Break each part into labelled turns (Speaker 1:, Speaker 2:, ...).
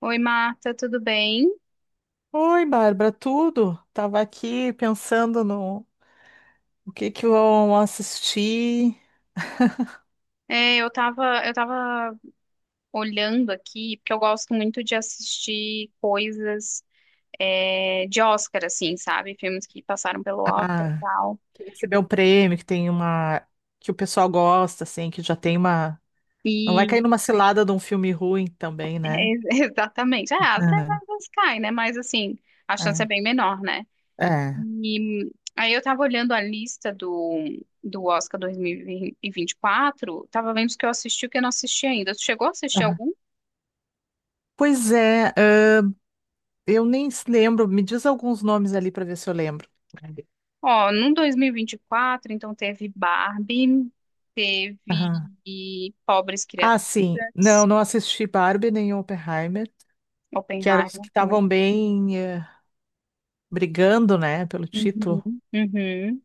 Speaker 1: Oi, Marta, tudo bem?
Speaker 2: Oi, Bárbara, tudo? Tava aqui pensando no o que vão assistir.
Speaker 1: Eu tava olhando aqui, porque eu gosto muito de assistir coisas, de Oscar, assim, sabe? Filmes que passaram pelo Oscar e
Speaker 2: Ah,
Speaker 1: tal.
Speaker 2: que recebeu o prêmio, que tem uma que o pessoal gosta, assim, que já tem uma. Não vai
Speaker 1: E,
Speaker 2: cair numa cilada de um filme ruim também, né?
Speaker 1: é, exatamente, ah, até
Speaker 2: Ah,
Speaker 1: às vezes cai, né? Mas, assim, a chance é bem menor, né?
Speaker 2: é, é.
Speaker 1: E aí eu tava olhando a lista do Oscar 2024, tava vendo os que eu assisti e o que eu não assisti ainda. Tu chegou a assistir
Speaker 2: Aham.
Speaker 1: algum?
Speaker 2: Pois é, eu nem se lembro. Me diz alguns nomes ali para ver se eu lembro.
Speaker 1: Ó, no 2024, então teve Barbie, teve
Speaker 2: Aham.
Speaker 1: Pobres
Speaker 2: Ah, sim.
Speaker 1: Criaturas,
Speaker 2: Não, não assisti Barbie nem Oppenheimer, que eram os que
Speaker 1: Oppenheimer também.
Speaker 2: estavam bem brigando, né, pelo título.
Speaker 1: Uhum. Uhum.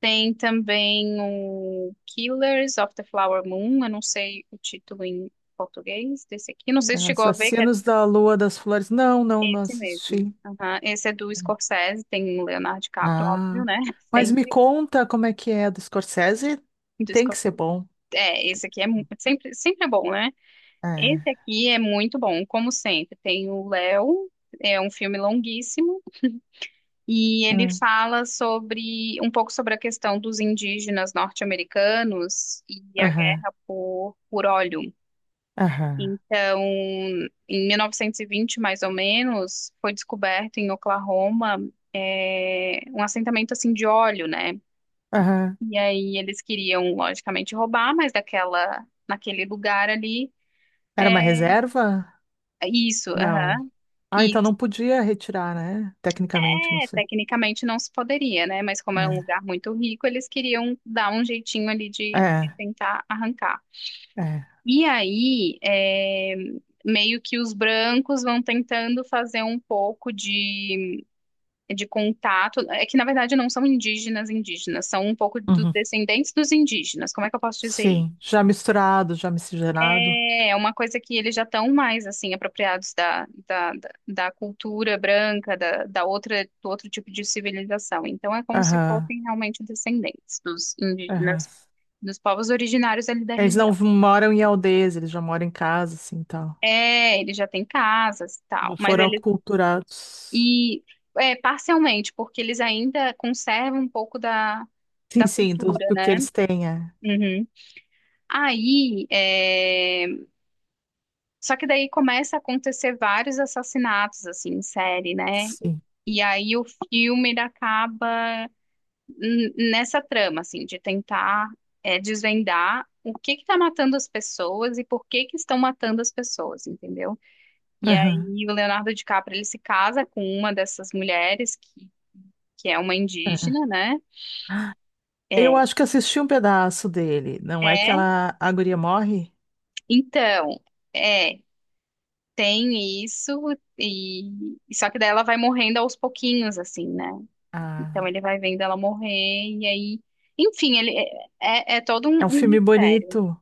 Speaker 1: Tem também o Killers of the Flower Moon, eu não sei o título em português desse aqui, não sei se chegou a ver que é
Speaker 2: Assassinos da Lua das Flores. Não, não, não
Speaker 1: esse mesmo.
Speaker 2: assisti.
Speaker 1: Aham, esse é do Scorsese, tem o Leonardo DiCaprio, óbvio,
Speaker 2: Ah,
Speaker 1: né?
Speaker 2: mas me
Speaker 1: Sempre
Speaker 2: conta como é que é do Scorsese?
Speaker 1: do
Speaker 2: Tem que
Speaker 1: Scor-
Speaker 2: ser bom.
Speaker 1: Esse aqui é sempre é bom, né?
Speaker 2: É.
Speaker 1: Esse aqui é muito bom, como sempre. Tem o Léo, é um filme longuíssimo, e ele
Speaker 2: É.
Speaker 1: fala sobre um pouco sobre a questão dos indígenas norte-americanos e a
Speaker 2: Aham,
Speaker 1: guerra por óleo.
Speaker 2: aham,
Speaker 1: Então, em 1920, mais ou menos, foi descoberto em Oklahoma um assentamento assim de óleo, né?
Speaker 2: aham.
Speaker 1: E aí eles queriam, logicamente, roubar, mas naquele lugar ali,
Speaker 2: Era
Speaker 1: é,
Speaker 2: uma reserva?
Speaker 1: isso,
Speaker 2: Não.
Speaker 1: aham.
Speaker 2: Ah, então não podia retirar, né? Tecnicamente, não
Speaker 1: É,
Speaker 2: sei.
Speaker 1: tecnicamente não se poderia, né? Mas como é um lugar muito rico, eles queriam dar um jeitinho ali
Speaker 2: É,
Speaker 1: de
Speaker 2: é,
Speaker 1: tentar arrancar.
Speaker 2: é.
Speaker 1: E aí, meio que os brancos vão tentando fazer um pouco de contato. É que, na verdade, não são indígenas indígenas, são um pouco dos
Speaker 2: Uhum.
Speaker 1: descendentes dos indígenas. Como é que eu posso dizer isso?
Speaker 2: Sim, já misturado, já miscigenado.
Speaker 1: É é uma coisa que eles já estão mais assim apropriados da cultura branca, da outra, do outro tipo de civilização. Então é como se
Speaker 2: Aham,
Speaker 1: fossem realmente descendentes dos
Speaker 2: aham.
Speaker 1: indígenas, dos povos originários ali da
Speaker 2: Eles não
Speaker 1: região.
Speaker 2: moram em aldeias, eles já moram em casa, assim, tal.
Speaker 1: É, eles já têm casas e tal,
Speaker 2: Já
Speaker 1: mas
Speaker 2: foram
Speaker 1: eles
Speaker 2: aculturados.
Speaker 1: e é, parcialmente porque eles ainda conservam um pouco
Speaker 2: Sim,
Speaker 1: da
Speaker 2: sim, do,
Speaker 1: cultura,
Speaker 2: do que
Speaker 1: né?
Speaker 2: eles têm, é.
Speaker 1: Uhum. Aí, só que daí começa a acontecer vários assassinatos assim em série, né?
Speaker 2: Sim.
Speaker 1: E aí o filme ele acaba nessa trama, assim, de tentar desvendar o que que tá matando as pessoas e por que que estão matando as pessoas, entendeu? E
Speaker 2: Aham,
Speaker 1: aí o Leonardo DiCaprio ele se casa com uma dessas mulheres que é uma
Speaker 2: aham.
Speaker 1: indígena, né?
Speaker 2: Eu
Speaker 1: É,
Speaker 2: acho que assisti um pedaço dele. Não é que
Speaker 1: é,
Speaker 2: ela, a guria morre?
Speaker 1: então, é, tem isso e só que daí ela vai morrendo aos pouquinhos, assim, né? Então
Speaker 2: Ah,
Speaker 1: ele vai vendo ela morrer e aí, enfim, ele é todo
Speaker 2: é um
Speaker 1: um
Speaker 2: filme
Speaker 1: mistério.
Speaker 2: bonito.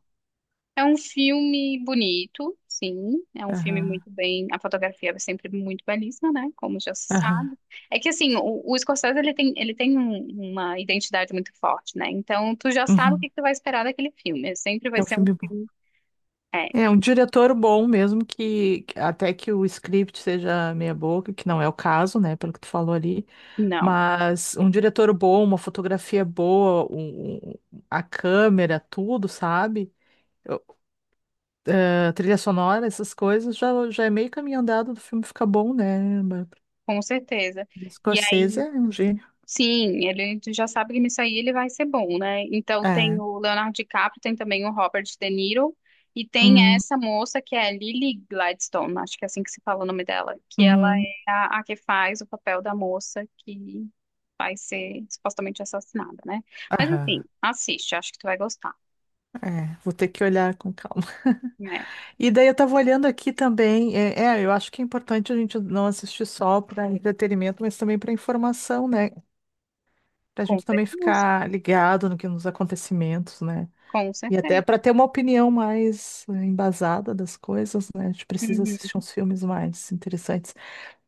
Speaker 1: É um filme bonito, sim, é um filme
Speaker 2: Aham,
Speaker 1: muito bem, a fotografia é sempre muito belíssima, né? Como já se
Speaker 2: aham.
Speaker 1: sabe. É que assim, o Scorsese ele tem uma identidade muito forte, né? Então tu já sabe o
Speaker 2: Uhum.
Speaker 1: que que tu vai esperar daquele filme. Sempre vai
Speaker 2: É um
Speaker 1: ser um
Speaker 2: filme bom.
Speaker 1: filme,
Speaker 2: É um diretor bom mesmo, que até que o script seja meia boca, que não é o caso, né, pelo que tu falou ali,
Speaker 1: não,
Speaker 2: mas um diretor bom, uma fotografia boa, um- um- a câmera, tudo, sabe? Trilha sonora, essas coisas, já, já é meio caminho andado do filme ficar bom, né? Mas
Speaker 1: com certeza. E
Speaker 2: Scorsese é um gênio.
Speaker 1: Sim, ele tu já sabe que nisso aí ele vai ser bom, né? Então tem
Speaker 2: É.
Speaker 1: o Leonardo DiCaprio, tem também o Robert De Niro e tem
Speaker 2: Hum,
Speaker 1: essa moça que é a Lily Gladstone, acho que é assim que se fala o nome dela, que ela
Speaker 2: uhum,
Speaker 1: é a que faz o papel da moça que vai ser supostamente assassinada, né? Mas assim,
Speaker 2: aham.
Speaker 1: assiste, acho que tu vai gostar,
Speaker 2: É, vou ter que olhar com calma.
Speaker 1: né?
Speaker 2: E daí eu tava olhando aqui também. É, é, eu acho que é importante a gente não assistir só para entretenimento, mas também para informação, né? Para a
Speaker 1: Com
Speaker 2: gente também
Speaker 1: certeza,
Speaker 2: ficar ligado no que nos acontecimentos, né?
Speaker 1: com
Speaker 2: E até
Speaker 1: certeza.
Speaker 2: para ter uma opinião mais embasada das coisas, né? A gente precisa assistir
Speaker 1: Uhum.
Speaker 2: uns filmes mais interessantes.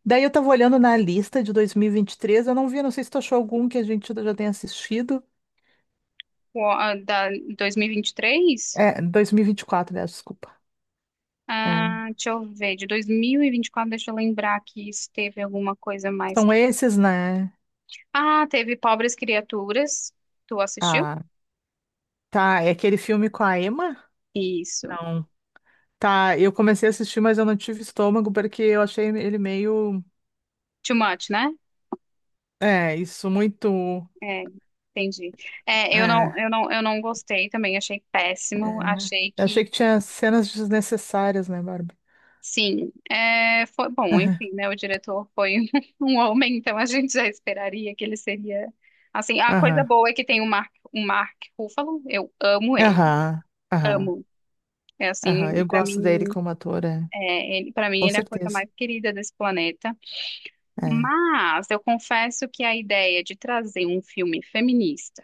Speaker 2: Daí eu tava olhando na lista de 2023, eu não vi, não sei se tu achou algum que a gente já tenha assistido.
Speaker 1: O- a- Da 2023?
Speaker 2: É, 2024, né? Desculpa. É.
Speaker 1: Ah, deixa eu ver, de 2024. Deixa eu lembrar que se teve alguma coisa mais
Speaker 2: São
Speaker 1: que.
Speaker 2: esses, né?
Speaker 1: Ah, teve Pobres Criaturas. Tu assistiu?
Speaker 2: Ah, tá. É aquele filme com a Emma?
Speaker 1: Isso.
Speaker 2: Não. Tá, eu comecei a assistir, mas eu não tive estômago porque eu achei ele meio.
Speaker 1: Too much, né?
Speaker 2: É, isso muito.
Speaker 1: É, entendi. É,
Speaker 2: É,
Speaker 1: eu não gostei também, achei péssimo.
Speaker 2: é.
Speaker 1: Achei
Speaker 2: Eu
Speaker 1: que,
Speaker 2: achei que tinha cenas desnecessárias, né, Barbie?
Speaker 1: sim, é, foi bom,
Speaker 2: Aham,
Speaker 1: enfim, né? O diretor foi um homem, então a gente já esperaria que ele seria. Assim, a coisa
Speaker 2: aham,
Speaker 1: boa é que tem o Mark Ruffalo, eu amo ele,
Speaker 2: aham, aham.
Speaker 1: amo. É
Speaker 2: Aham.
Speaker 1: assim,
Speaker 2: Eu
Speaker 1: pra
Speaker 2: gosto dele
Speaker 1: mim.
Speaker 2: como ator, é.
Speaker 1: É, ele, para mim,
Speaker 2: Com
Speaker 1: ele é a coisa
Speaker 2: certeza.
Speaker 1: mais querida desse planeta.
Speaker 2: É.
Speaker 1: Mas eu confesso que a ideia de trazer um filme feminista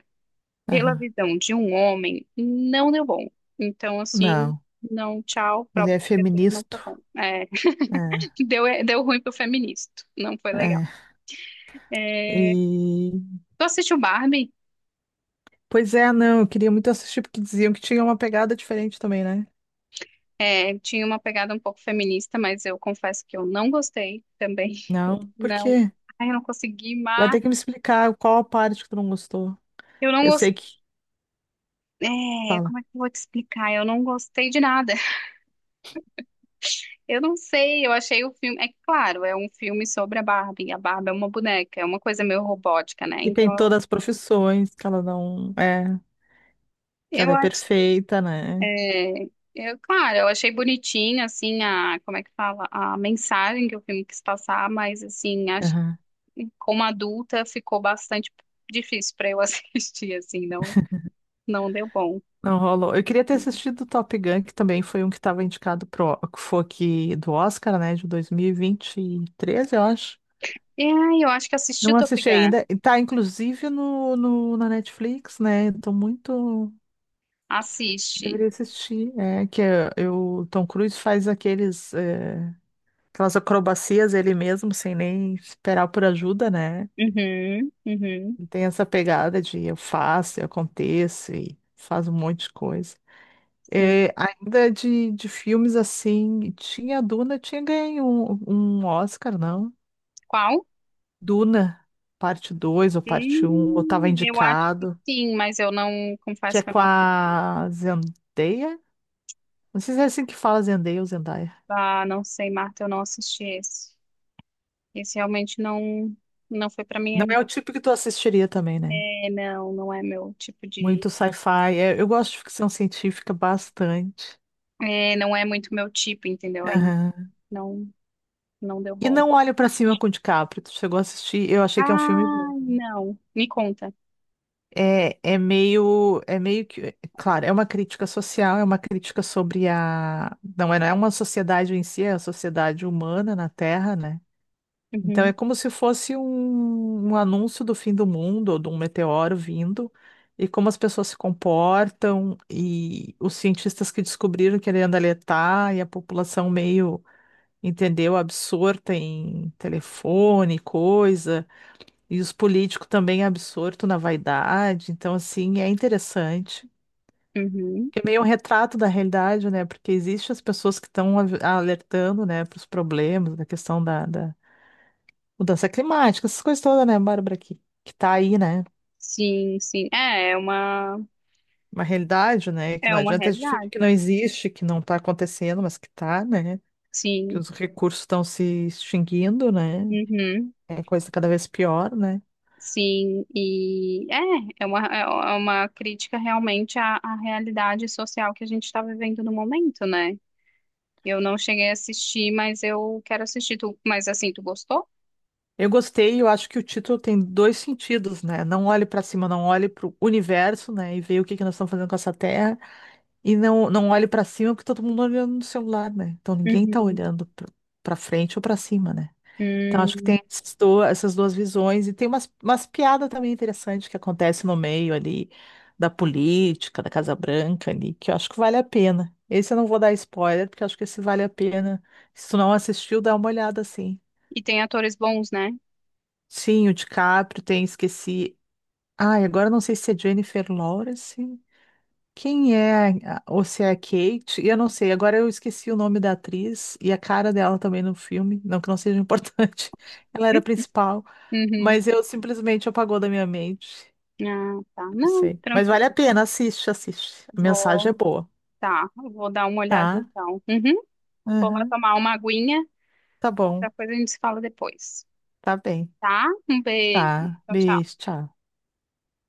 Speaker 1: pela
Speaker 2: Aham.
Speaker 1: visão de um homem não deu bom. Então, assim,
Speaker 2: Não,
Speaker 1: não, tchau, pra
Speaker 2: ele é
Speaker 1: criatura não
Speaker 2: feminista.
Speaker 1: foi bom. É,
Speaker 2: É,
Speaker 1: deu, é, deu ruim pro feminista, não foi legal.
Speaker 2: é. E
Speaker 1: Tu assistiu Barbie?
Speaker 2: pois é, não, eu queria muito assistir porque diziam que tinha uma pegada diferente também, né?
Speaker 1: É, tinha uma pegada um pouco feminista, mas eu confesso que eu não gostei também.
Speaker 2: Não, por
Speaker 1: Não.
Speaker 2: quê?
Speaker 1: Ai, eu não consegui,
Speaker 2: Vai
Speaker 1: mas
Speaker 2: ter que me explicar qual a parte que tu não gostou.
Speaker 1: eu não
Speaker 2: Eu sei
Speaker 1: gostei.
Speaker 2: que
Speaker 1: É,
Speaker 2: fala
Speaker 1: como é que eu vou te explicar? Eu não gostei de nada. Eu não sei, eu achei o filme. É que, claro, é um filme sobre a Barbie. A Barbie é uma boneca, é uma coisa meio robótica, né?
Speaker 2: que tem
Speaker 1: Então,
Speaker 2: todas as profissões, que ela não é, que ela
Speaker 1: eu
Speaker 2: é
Speaker 1: acho.
Speaker 2: perfeita, né?
Speaker 1: É, eu, claro, eu achei bonitinho, assim, a. Como é que fala? A mensagem que o filme quis passar, mas, assim, acho
Speaker 2: Aham.
Speaker 1: que como adulta ficou bastante difícil pra eu assistir, assim, não, não deu bom.
Speaker 2: Não rolou. Eu queria ter assistido o Top Gun, que também foi um que estava indicado pro, que foi aqui do Oscar, né, de 2023, eu acho.
Speaker 1: E aí, eu acho que assisti o
Speaker 2: Não
Speaker 1: Top
Speaker 2: assisti
Speaker 1: Gun.
Speaker 2: ainda. E tá, inclusive, no, no- na Netflix, né? Tô muito.
Speaker 1: Assiste.
Speaker 2: Deveria assistir. É que é, eu, Tom Cruise faz aqueles, é, aquelas acrobacias ele mesmo, sem nem esperar por ajuda, né?
Speaker 1: Uhum, uhum,
Speaker 2: Ele tem essa pegada de eu faço, eu aconteço e faz um monte de coisa.
Speaker 1: sim.
Speaker 2: É, ainda de filmes assim, tinha Duna, tinha ganho um, um Oscar, não?
Speaker 1: Qual?
Speaker 2: Duna, parte 2 ou parte um, ou estava
Speaker 1: Eu acho que
Speaker 2: indicado.
Speaker 1: sim, mas eu não,
Speaker 2: Que
Speaker 1: confesso
Speaker 2: é
Speaker 1: que eu
Speaker 2: com
Speaker 1: não, assisti.
Speaker 2: a Zendaya. Não sei se é assim que fala Zendaya ou Zendaya.
Speaker 1: Ah, não sei, Marta, eu não assisti esse. Esse realmente não, não foi pra mim
Speaker 2: Não é
Speaker 1: ali.
Speaker 2: o tipo que tu assistiria também, né?
Speaker 1: É, não, não é meu tipo
Speaker 2: Muito sci-fi. É, eu gosto de ficção científica bastante.
Speaker 1: é, não é muito meu tipo, entendeu? Aí
Speaker 2: Aham.
Speaker 1: não, não deu
Speaker 2: E
Speaker 1: bom.
Speaker 2: Não Olhe Pra Cima com o DiCaprio. Tu chegou a assistir? Eu achei que é um filme
Speaker 1: Ah,
Speaker 2: bom.
Speaker 1: não, me conta.
Speaker 2: É, é meio que, é claro, é uma crítica social, é uma crítica sobre a, não é, não é uma sociedade em si, é a sociedade humana na Terra, né? Então é
Speaker 1: Uhum,
Speaker 2: como se fosse um, um anúncio do fim do mundo ou de um meteoro vindo e como as pessoas se comportam e os cientistas que descobriram querendo alertar e a população meio, entendeu, absorta em telefone, coisa, e os políticos também absorto na vaidade. Então assim, é interessante.
Speaker 1: uhum.
Speaker 2: É meio um retrato da realidade, né? Porque existem as pessoas que estão alertando, né, para os problemas, da questão da, da- Mudança climática, essas coisas todas, né, Bárbara, que tá aí, né?
Speaker 1: Sim, sim,
Speaker 2: Uma realidade, né? Que
Speaker 1: é
Speaker 2: não
Speaker 1: uma
Speaker 2: adianta a gente fingir
Speaker 1: realidade.
Speaker 2: que não existe, que não tá acontecendo, mas que tá, né? Que
Speaker 1: Sim,
Speaker 2: os recursos estão se extinguindo, né?
Speaker 1: uhum.
Speaker 2: É coisa cada vez pior, né?
Speaker 1: Sim, é uma, é uma crítica realmente à realidade social que a gente está vivendo no momento, né? Eu não cheguei a assistir, mas eu quero assistir. Tu, mas assim, tu gostou?
Speaker 2: Eu gostei, eu acho que o título tem dois sentidos, né? Não olhe para cima, não olhe para o universo, né? E ver o que que nós estamos fazendo com essa Terra. E não, não olhe para cima, porque todo mundo olhando no celular, né? Então ninguém tá
Speaker 1: Uhum.
Speaker 2: olhando para frente ou para cima, né? Então, acho que tem
Speaker 1: Hum.
Speaker 2: esses do- essas duas visões, e tem umas, umas piadas também interessantes que acontecem no meio ali da política, da Casa Branca ali, que eu acho que vale a pena. Esse eu não vou dar spoiler, porque eu acho que esse vale a pena. Se tu não assistiu, dá uma olhada assim.
Speaker 1: E tem atores bons, né?
Speaker 2: Sim, o DiCaprio tem, esqueci. Ai, agora eu não sei se é Jennifer Lawrence. Quem é, a- ou se é a Kate, e eu não sei, agora eu esqueci o nome da atriz e a cara dela também no filme, não que não seja importante, ela era a principal,
Speaker 1: Uhum.
Speaker 2: mas eu simplesmente apagou da minha mente,
Speaker 1: Ah, tá.
Speaker 2: não
Speaker 1: Não,
Speaker 2: sei. Mas vale a
Speaker 1: tranquilo.
Speaker 2: pena, assiste, assiste, a mensagem é
Speaker 1: Vou,
Speaker 2: boa,
Speaker 1: tá, vou dar uma olhada
Speaker 2: tá?
Speaker 1: então. Uhum. Vou lá
Speaker 2: Uhum.
Speaker 1: tomar uma aguinha.
Speaker 2: Tá bom,
Speaker 1: Qualquer coisa a gente se fala depois,
Speaker 2: tá bem,
Speaker 1: tá? Um beijo.
Speaker 2: tá,
Speaker 1: Tchau,
Speaker 2: beijo,
Speaker 1: tchau.
Speaker 2: tchau.